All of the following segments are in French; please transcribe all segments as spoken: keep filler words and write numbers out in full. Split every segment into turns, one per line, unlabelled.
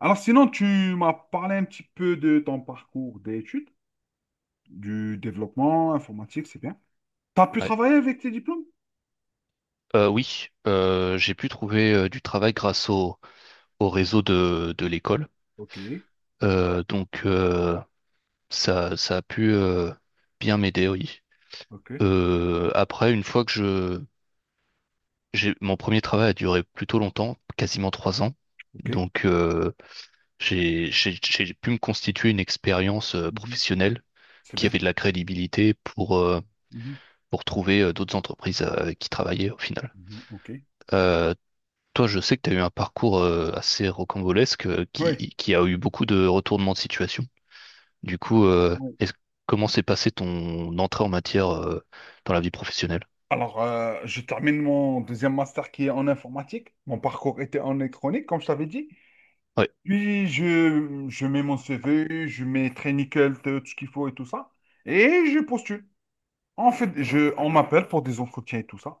Alors sinon, tu m'as parlé un petit peu de ton parcours d'études, du développement informatique, c'est bien. Tu as pu
Ouais.
travailler avec tes diplômes?
Euh, oui, euh, j'ai pu trouver euh, du travail grâce au, au réseau de, de l'école.
Ok,
Euh, donc euh, ça, ça a pu euh, bien m'aider, oui.
ok,
Euh, après, une fois que je, j'ai, mon premier travail a duré plutôt longtemps, quasiment trois ans.
ok.
Donc euh, j'ai, j'ai, j'ai pu me constituer une expérience euh,
Mhm,
professionnelle
c'est
qui
bien.
avait de la crédibilité pour, euh,
Mhm,
pour trouver euh, d'autres entreprises euh, avec qui travailler au final.
mhm, ok.
Euh, Toi, je sais que tu as eu un parcours euh, assez rocambolesque euh,
Oui.
qui, qui a eu beaucoup de retournements de situation. Du coup, euh,
Oui.
est-ce- comment s'est passée ton entrée en matière euh, dans la vie professionnelle?
Alors, euh, je termine mon deuxième master qui est en informatique. Mon parcours était en électronique, comme je t'avais dit.
Ouais,
Puis, je, je mets mon C V, je mets très nickel tout ce qu'il faut et tout ça. Et je postule. En fait, je, on m'appelle pour des entretiens et tout ça.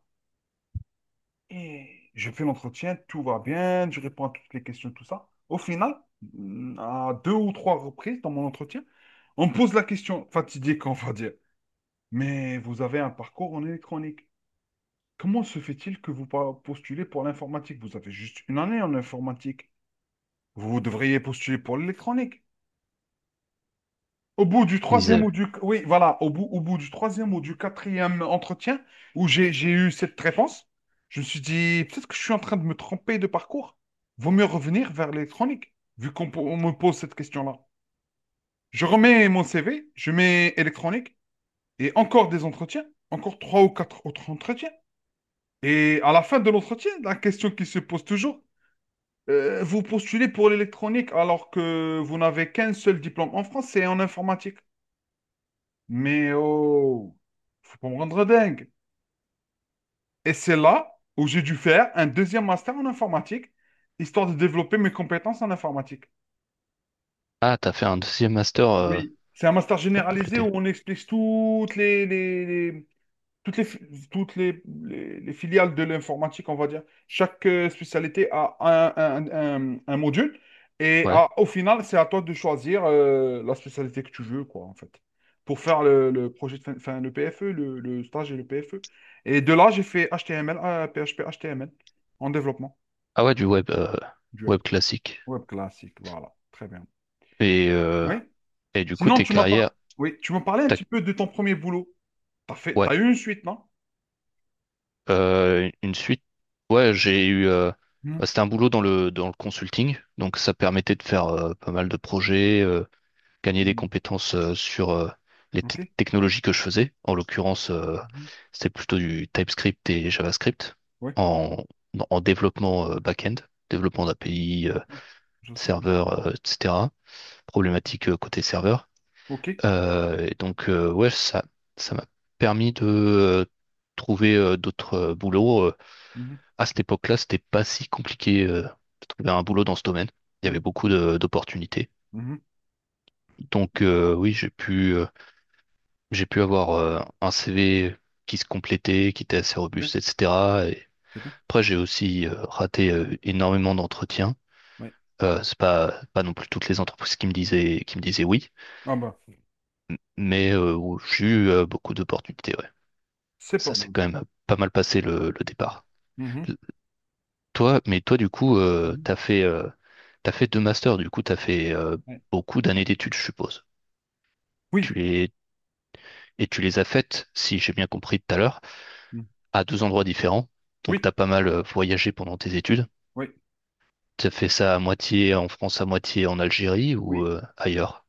Et je fais l'entretien, tout va bien, je réponds à toutes les questions, tout ça. Au final, mm, à deux ou trois reprises dans mon entretien, on me pose la question fatidique, on va dire. Mais vous avez un parcours en électronique. Comment se fait-il que vous pa- postulez pour l'informatique? Vous avez juste une année en informatique. Vous devriez postuler pour l'électronique. Au bout du
ils
troisième ou
disaient,
du... Oui, voilà, au bout, au bout du troisième ou du quatrième entretien, où j'ai, j'ai eu cette réponse, je me suis dit, peut-être que je suis en train de me tromper de parcours. Vaut mieux revenir vers l'électronique, vu qu'on po- on me pose cette question-là. Je remets mon C V, je mets électronique, et encore des entretiens, encore trois ou quatre autres entretiens. Et à la fin de l'entretien, la question qui se pose toujours, euh, vous postulez pour l'électronique alors que vous n'avez qu'un seul diplôme en France, c'est en informatique. Mais oh, faut pas me rendre dingue. Et c'est là où j'ai dû faire un deuxième master en informatique, histoire de développer mes compétences en informatique.
ah, t'as fait un deuxième master euh,
Oui, c'est un master
pour
généralisé
compléter.
où on explique toutes les, les, les- toutes les, fi- toutes les, les- les filiales de l'informatique, on va dire, chaque euh, spécialité a un, un- un- un module. Et
Ouais.
à- au final, c'est à toi de choisir euh, la spécialité que tu veux, quoi, en fait, pour faire le, le projet, de fin, enfin, le P F E, le, le stage et le P F E. Et de là, j'ai fait HTML, euh, P H P, H T M L en développement
Ah ouais, du web, euh,
du web.
web classique.
Web classique, voilà, très bien.
Et, euh,
Oui.
et du coup,
Sinon,
tes
tu m'as parlé,
carrières,
oui, tu m'as parlé un
t'as-
petit peu de ton premier boulot. T'as fait,
ouais,
t'as eu une suite, non?
Euh, une suite. Ouais, j'ai eu, euh,
Mhm.
bah, c'était un boulot dans le dans le consulting, donc ça permettait de faire euh, pas mal de projets. Euh, gagner des
Mhm.
compétences euh, sur euh, les te-
Ok.
technologies que je faisais. En l'occurrence, euh,
Mhm.
c'était plutôt du TypeScript et JavaScript
Oui.
en, en développement euh, back-end, développement d'A P I, euh,
Ouais, je sens.
serveur, euh, et cetera. Problématique euh, côté serveur.
Ok.
Euh, et donc, euh, ouais, ça, ça m'a permis de euh, trouver euh, d'autres euh, boulots. Euh,
Mhm,
À cette époque-là, c'était pas si compliqué euh, de trouver un boulot dans ce domaine. Il y
mhm,
avait beaucoup de- d'opportunités.
mhm.
Donc, euh, oui, j'ai pu. euh, J'ai pu avoir euh, un C V qui se complétait, qui était assez
C'est bien.
robuste, et cetera. Et
C'est bien.
après, j'ai aussi euh, raté euh, énormément d'entretiens.
Ouais.
Euh, c'est pas, pas non plus toutes les entreprises qui me disaient, qui me disaient oui,
Ah bah,
mais euh, où j'ai eu euh, beaucoup d'opportunités. Ouais.
c'est pas
Ça s'est
mal.
quand même euh, pas mal passé le, le
Mhm,
départ.
mhm,
L- Toi, mais toi, du coup, euh,
mhm.
t'as fait, euh, t'as fait deux masters. Du coup, t'as fait euh,
Ouais.
beaucoup d'années d'études, je suppose. Tu
Oui.
les, et tu les as faites, si j'ai bien compris tout à l'heure,
Mhm.
à deux endroits différents. Donc, tu as
Oui.
pas mal euh, voyagé pendant tes études.
Oui.
Tu as fait ça à moitié en France, à moitié en Algérie ou
Oui.
euh, ailleurs?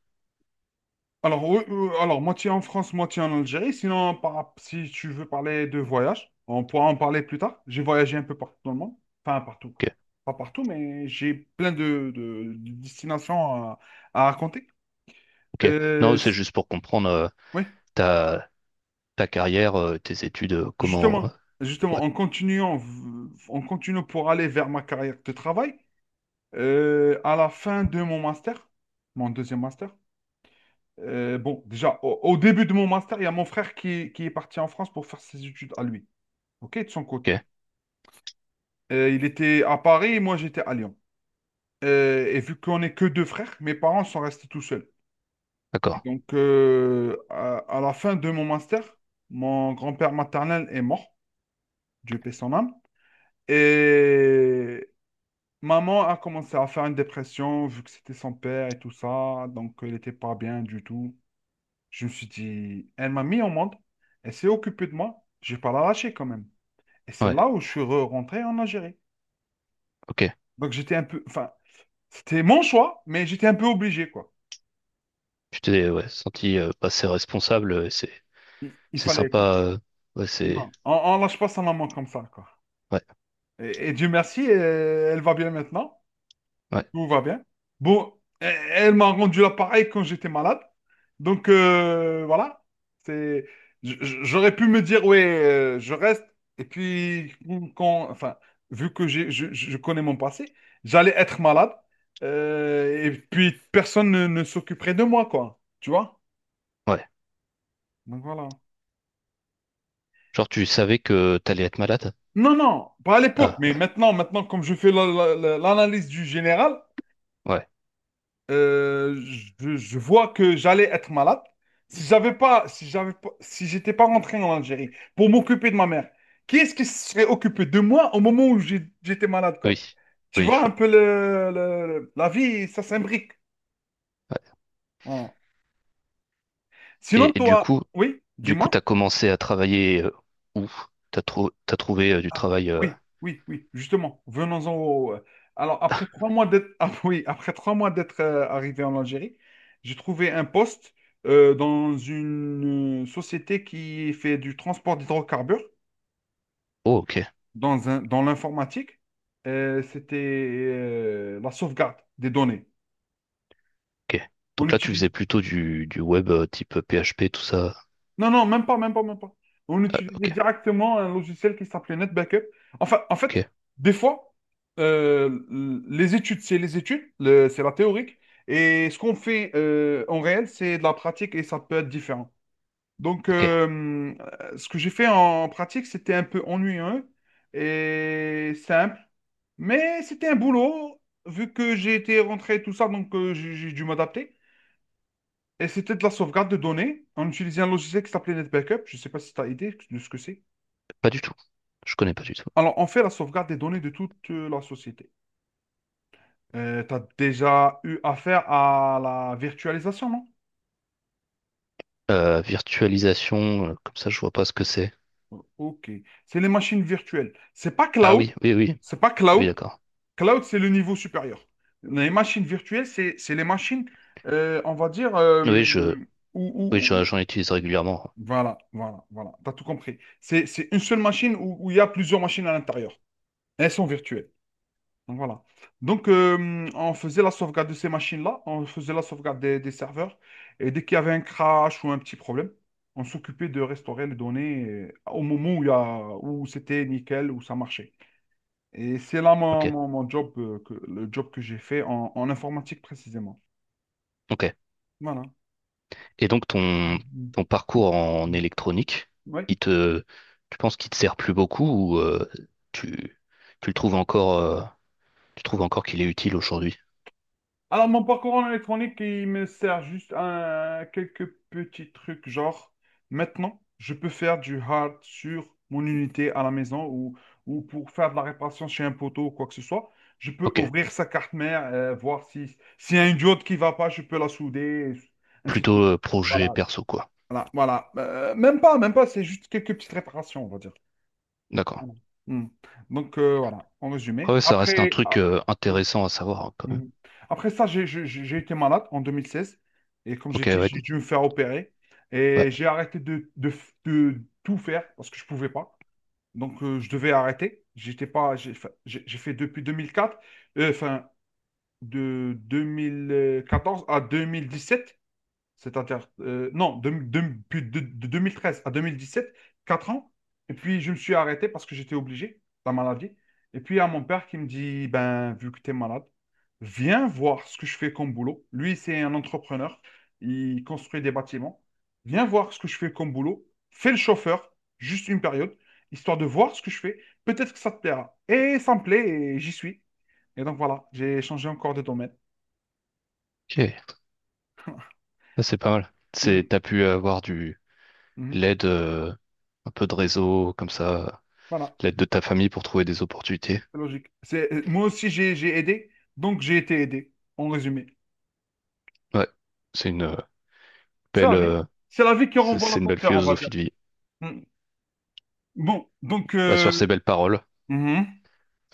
Alors, euh, euh, alors, moitié en France, moitié en Algérie. Sinon, par- si tu veux parler de voyage, on pourra en parler plus tard. J'ai voyagé un peu partout dans le monde. Enfin, partout.
Ok,
Pas partout, mais j'ai plein de, de- de destinations à, à raconter.
ok. Non,
Euh,
c'est juste pour comprendre euh,
oui.
ta, ta carrière, euh, tes études, euh, comment. Euh,
Justement, justement,
Ouais,
en continuant, v- en continuant pour aller vers ma carrière de travail, euh, à la fin de mon master, mon deuxième master, euh, bon, déjà, au, au début de mon master, il y a mon frère qui, qui est parti en France pour faire ses études à lui, ok, de son côté.
ok,
Euh, il était à Paris, moi j'étais à Lyon. Euh, et vu qu'on n'est que deux frères, mes parents sont restés tout seuls. Et
d'accord.
donc, euh, à, à la fin de mon master, mon grand-père maternel est mort, Dieu paie son âme. Et maman a commencé à faire une dépression vu que c'était son père et tout ça, donc elle n'était pas bien du tout. Je me suis dit, elle m'a mis au monde, elle s'est occupée de moi, je vais pas la lâcher quand même. Et c'est
Ouais,
là où je suis re- rentré en Algérie.
ok.
Donc j'étais un peu, enfin, c'était mon choix, mais j'étais un peu obligé, quoi.
Tu t'es ouais, senti euh, passer responsable, euh, c'est
Il, il
c'est
fallait, quoi.
sympa. Euh, ouais, c'est.
Non, on, on lâche pas sa maman comme ça, quoi.
Ouais,
Et, et Dieu merci, euh, elle va bien maintenant.
ouais,
Tout va bien. Bon, e- elle m'a rendu l'appareil quand j'étais malade. Donc, euh, voilà. C'est, j- j- J'aurais pu me dire, ouais, euh, je reste. Et puis, quand, enfin, vu que j'ai, je, je connais mon passé, j'allais être malade. Euh, et puis, personne ne, ne s'occuperait de moi, quoi. Tu vois?
ouais.
Donc, voilà.
Genre, tu savais que t'allais être malade?
Non, non, pas à l'époque.
Ah,
Mais
ouais,
maintenant, maintenant, comme je fais la- la- la- l'analyse du général.
ouais.
Euh, je, je vois que j'allais être malade. Si j'avais pas, si j'avais pas, si j'étais pas rentré en Algérie pour m'occuper de ma mère, qui est-ce qui se serait occupé de moi au moment où j'ai- j'étais malade, quoi?
Oui,
Tu
oui, je
vois un
vois.
peu le, le- le- la vie, ça s'imbrique.
Ouais.
Voilà. Sinon,
Et, et du
toi,
coup,
oui,
Du coup,
dis-moi.
t'as commencé à travailler euh, où? T'as trou- t'as trouvé euh, du
Ah,
travail. euh,
oui, oui, oui, justement, venons-en au... euh, Alors, après trois mois d'être ah, oui, après trois mois d'être euh, arrivé en Algérie, j'ai trouvé un poste euh, dans une euh, société qui fait du transport d'hydrocarbures
Oh, ok,
dans un... dans l'informatique. Euh, c'était euh, la sauvegarde des données.
ok.
On
Donc là, tu
utilise...
faisais plutôt du, du web euh, type P H P, tout ça.
Non, non, même pas, même pas, même pas. On
Euh,
utilisait
Ok,
directement un logiciel qui s'appelait NetBackup. Enfin, en fait,
ok,
des fois, euh, les études, c'est les études, le- c'est la théorique. Et ce qu'on fait euh, en réel, c'est de la pratique et ça peut être différent. Donc,
ok.
euh, ce que j'ai fait en pratique, c'était un peu ennuyeux et simple. Mais c'était un boulot, vu que j'ai été rentré et tout ça, donc euh, j'ai j'ai dû m'adapter. Et c'était de la sauvegarde de données. On utilisait un logiciel qui s'appelait NetBackup. Je ne sais pas si tu as idée de ce que c'est.
Pas du tout. Je connais pas du tout.
Alors, on fait la sauvegarde des données de toute euh, la société. Tu as déjà eu affaire à la virtualisation, non?
Euh, virtualisation, euh, comme ça, je vois pas ce que c'est.
Ok. C'est les machines virtuelles. C'est pas
Ah
cloud.
oui, oui, oui,
C'est pas
oui,
cloud.
d'accord.
Cloud, c'est le niveau supérieur. Les machines virtuelles, c'est c'est les machines, euh, on va dire, euh,
Oui, je,
où,
oui,
où-
je-
où-
j'en utilise régulièrement.
Voilà, voilà, voilà. Tu as tout compris. C'est c'est une seule machine où où il y a plusieurs machines à l'intérieur. Elles sont virtuelles. Voilà. Donc, euh, on faisait la sauvegarde de ces machines-là, on faisait la sauvegarde des, des serveurs, et dès qu'il y avait un crash ou un petit problème, on s'occupait de restaurer les données euh, au moment où, il y a- où c'était nickel, où ça marchait. Et c'est là mon,
Ok,
mon- mon job, euh, que, le job que j'ai fait en, en informatique précisément.
ok.
Voilà.
Et donc ton,
Mhm.
ton parcours en électronique,
Oui,
il te, tu penses qu'il te sert plus beaucoup ou euh, tu, tu le trouves encore, euh, tu trouves encore qu'il est utile aujourd'hui?
alors, mon parcours en électronique, il me sert juste à quelques petits trucs, genre, maintenant, je peux faire du hard sur mon unité à la maison ou, ou pour faire de la réparation chez un poteau ou quoi que ce soit. Je peux
Ok,
ouvrir sa carte mère, euh, voir si, s'il y a une diode qui va pas, je peux la souder, ainsi de
plutôt
suite.
euh, projet
Voilà,
perso quoi.
voilà, voilà. Euh, même pas, même pas, c'est juste quelques petites réparations, on va dire.
D'accord.
Voilà. Hmm. Donc, euh, voilà, en
Ah
résumé.
ouais, ça reste un
Après,
truc
ah,
euh,
oui.
intéressant à savoir hein, quand même.
Mhm. Après ça, j'ai j'ai- j'ai été malade en deux mille seize. Et comme j'ai
Ok,
dit,
ouais,
j'ai dû me faire opérer.
ouais.
Et j'ai arrêté de, de, f- de tout faire parce que je ne pouvais pas. Donc, euh, je devais arrêter. J'étais pas, j'ai fa- j'ai- J'ai fait depuis deux mille quatre, euh, enfin, de deux mille quatorze à deux mille dix sept. Cette inter... euh, non, de, de- depuis de- de deux mille treize à deux mille dix-sept, quatre ans. Et puis, je me suis arrêté parce que j'étais obligé, la maladie. Et puis, il y a mon père qui me dit, ben, vu que tu es malade, viens voir ce que je fais comme boulot. Lui, c'est un entrepreneur. Il construit des bâtiments. Viens voir ce que je fais comme boulot. Fais le chauffeur, juste une période, histoire de voir ce que je fais. Peut-être que ça te plaira. Et ça me plaît et j'y suis. Et donc, voilà, j'ai changé encore de domaine.
Ok, ça, c'est pas mal. C'est,
Mhm.
t'as pu avoir du
Mhm.
l'aide, euh, un peu de réseau comme ça,
Voilà.
l'aide de ta famille pour trouver des opportunités.
C'est logique. C'est- euh, Moi aussi, j'ai j'ai aidé, donc j'ai été aidé, en résumé.
Ouais, c'est une euh,
C'est
belle,
la vie.
euh,
C'est la vie qui
c'est
renvoie
c'est une belle
l'ascenseur, on va dire.
philosophie de vie.
Mm. Bon, donc,
Bah,
euh,
sur ces belles paroles,
mhm.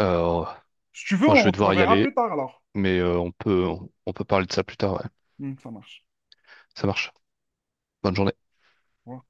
euh,
Si tu veux,
moi je vais
on se
devoir y
reverra plus
aller,
tard alors.
mais euh, on peut on peut parler de ça plus tard, ouais.
Mm, ça marche.
Ça marche. Bonne journée.
Au revoir.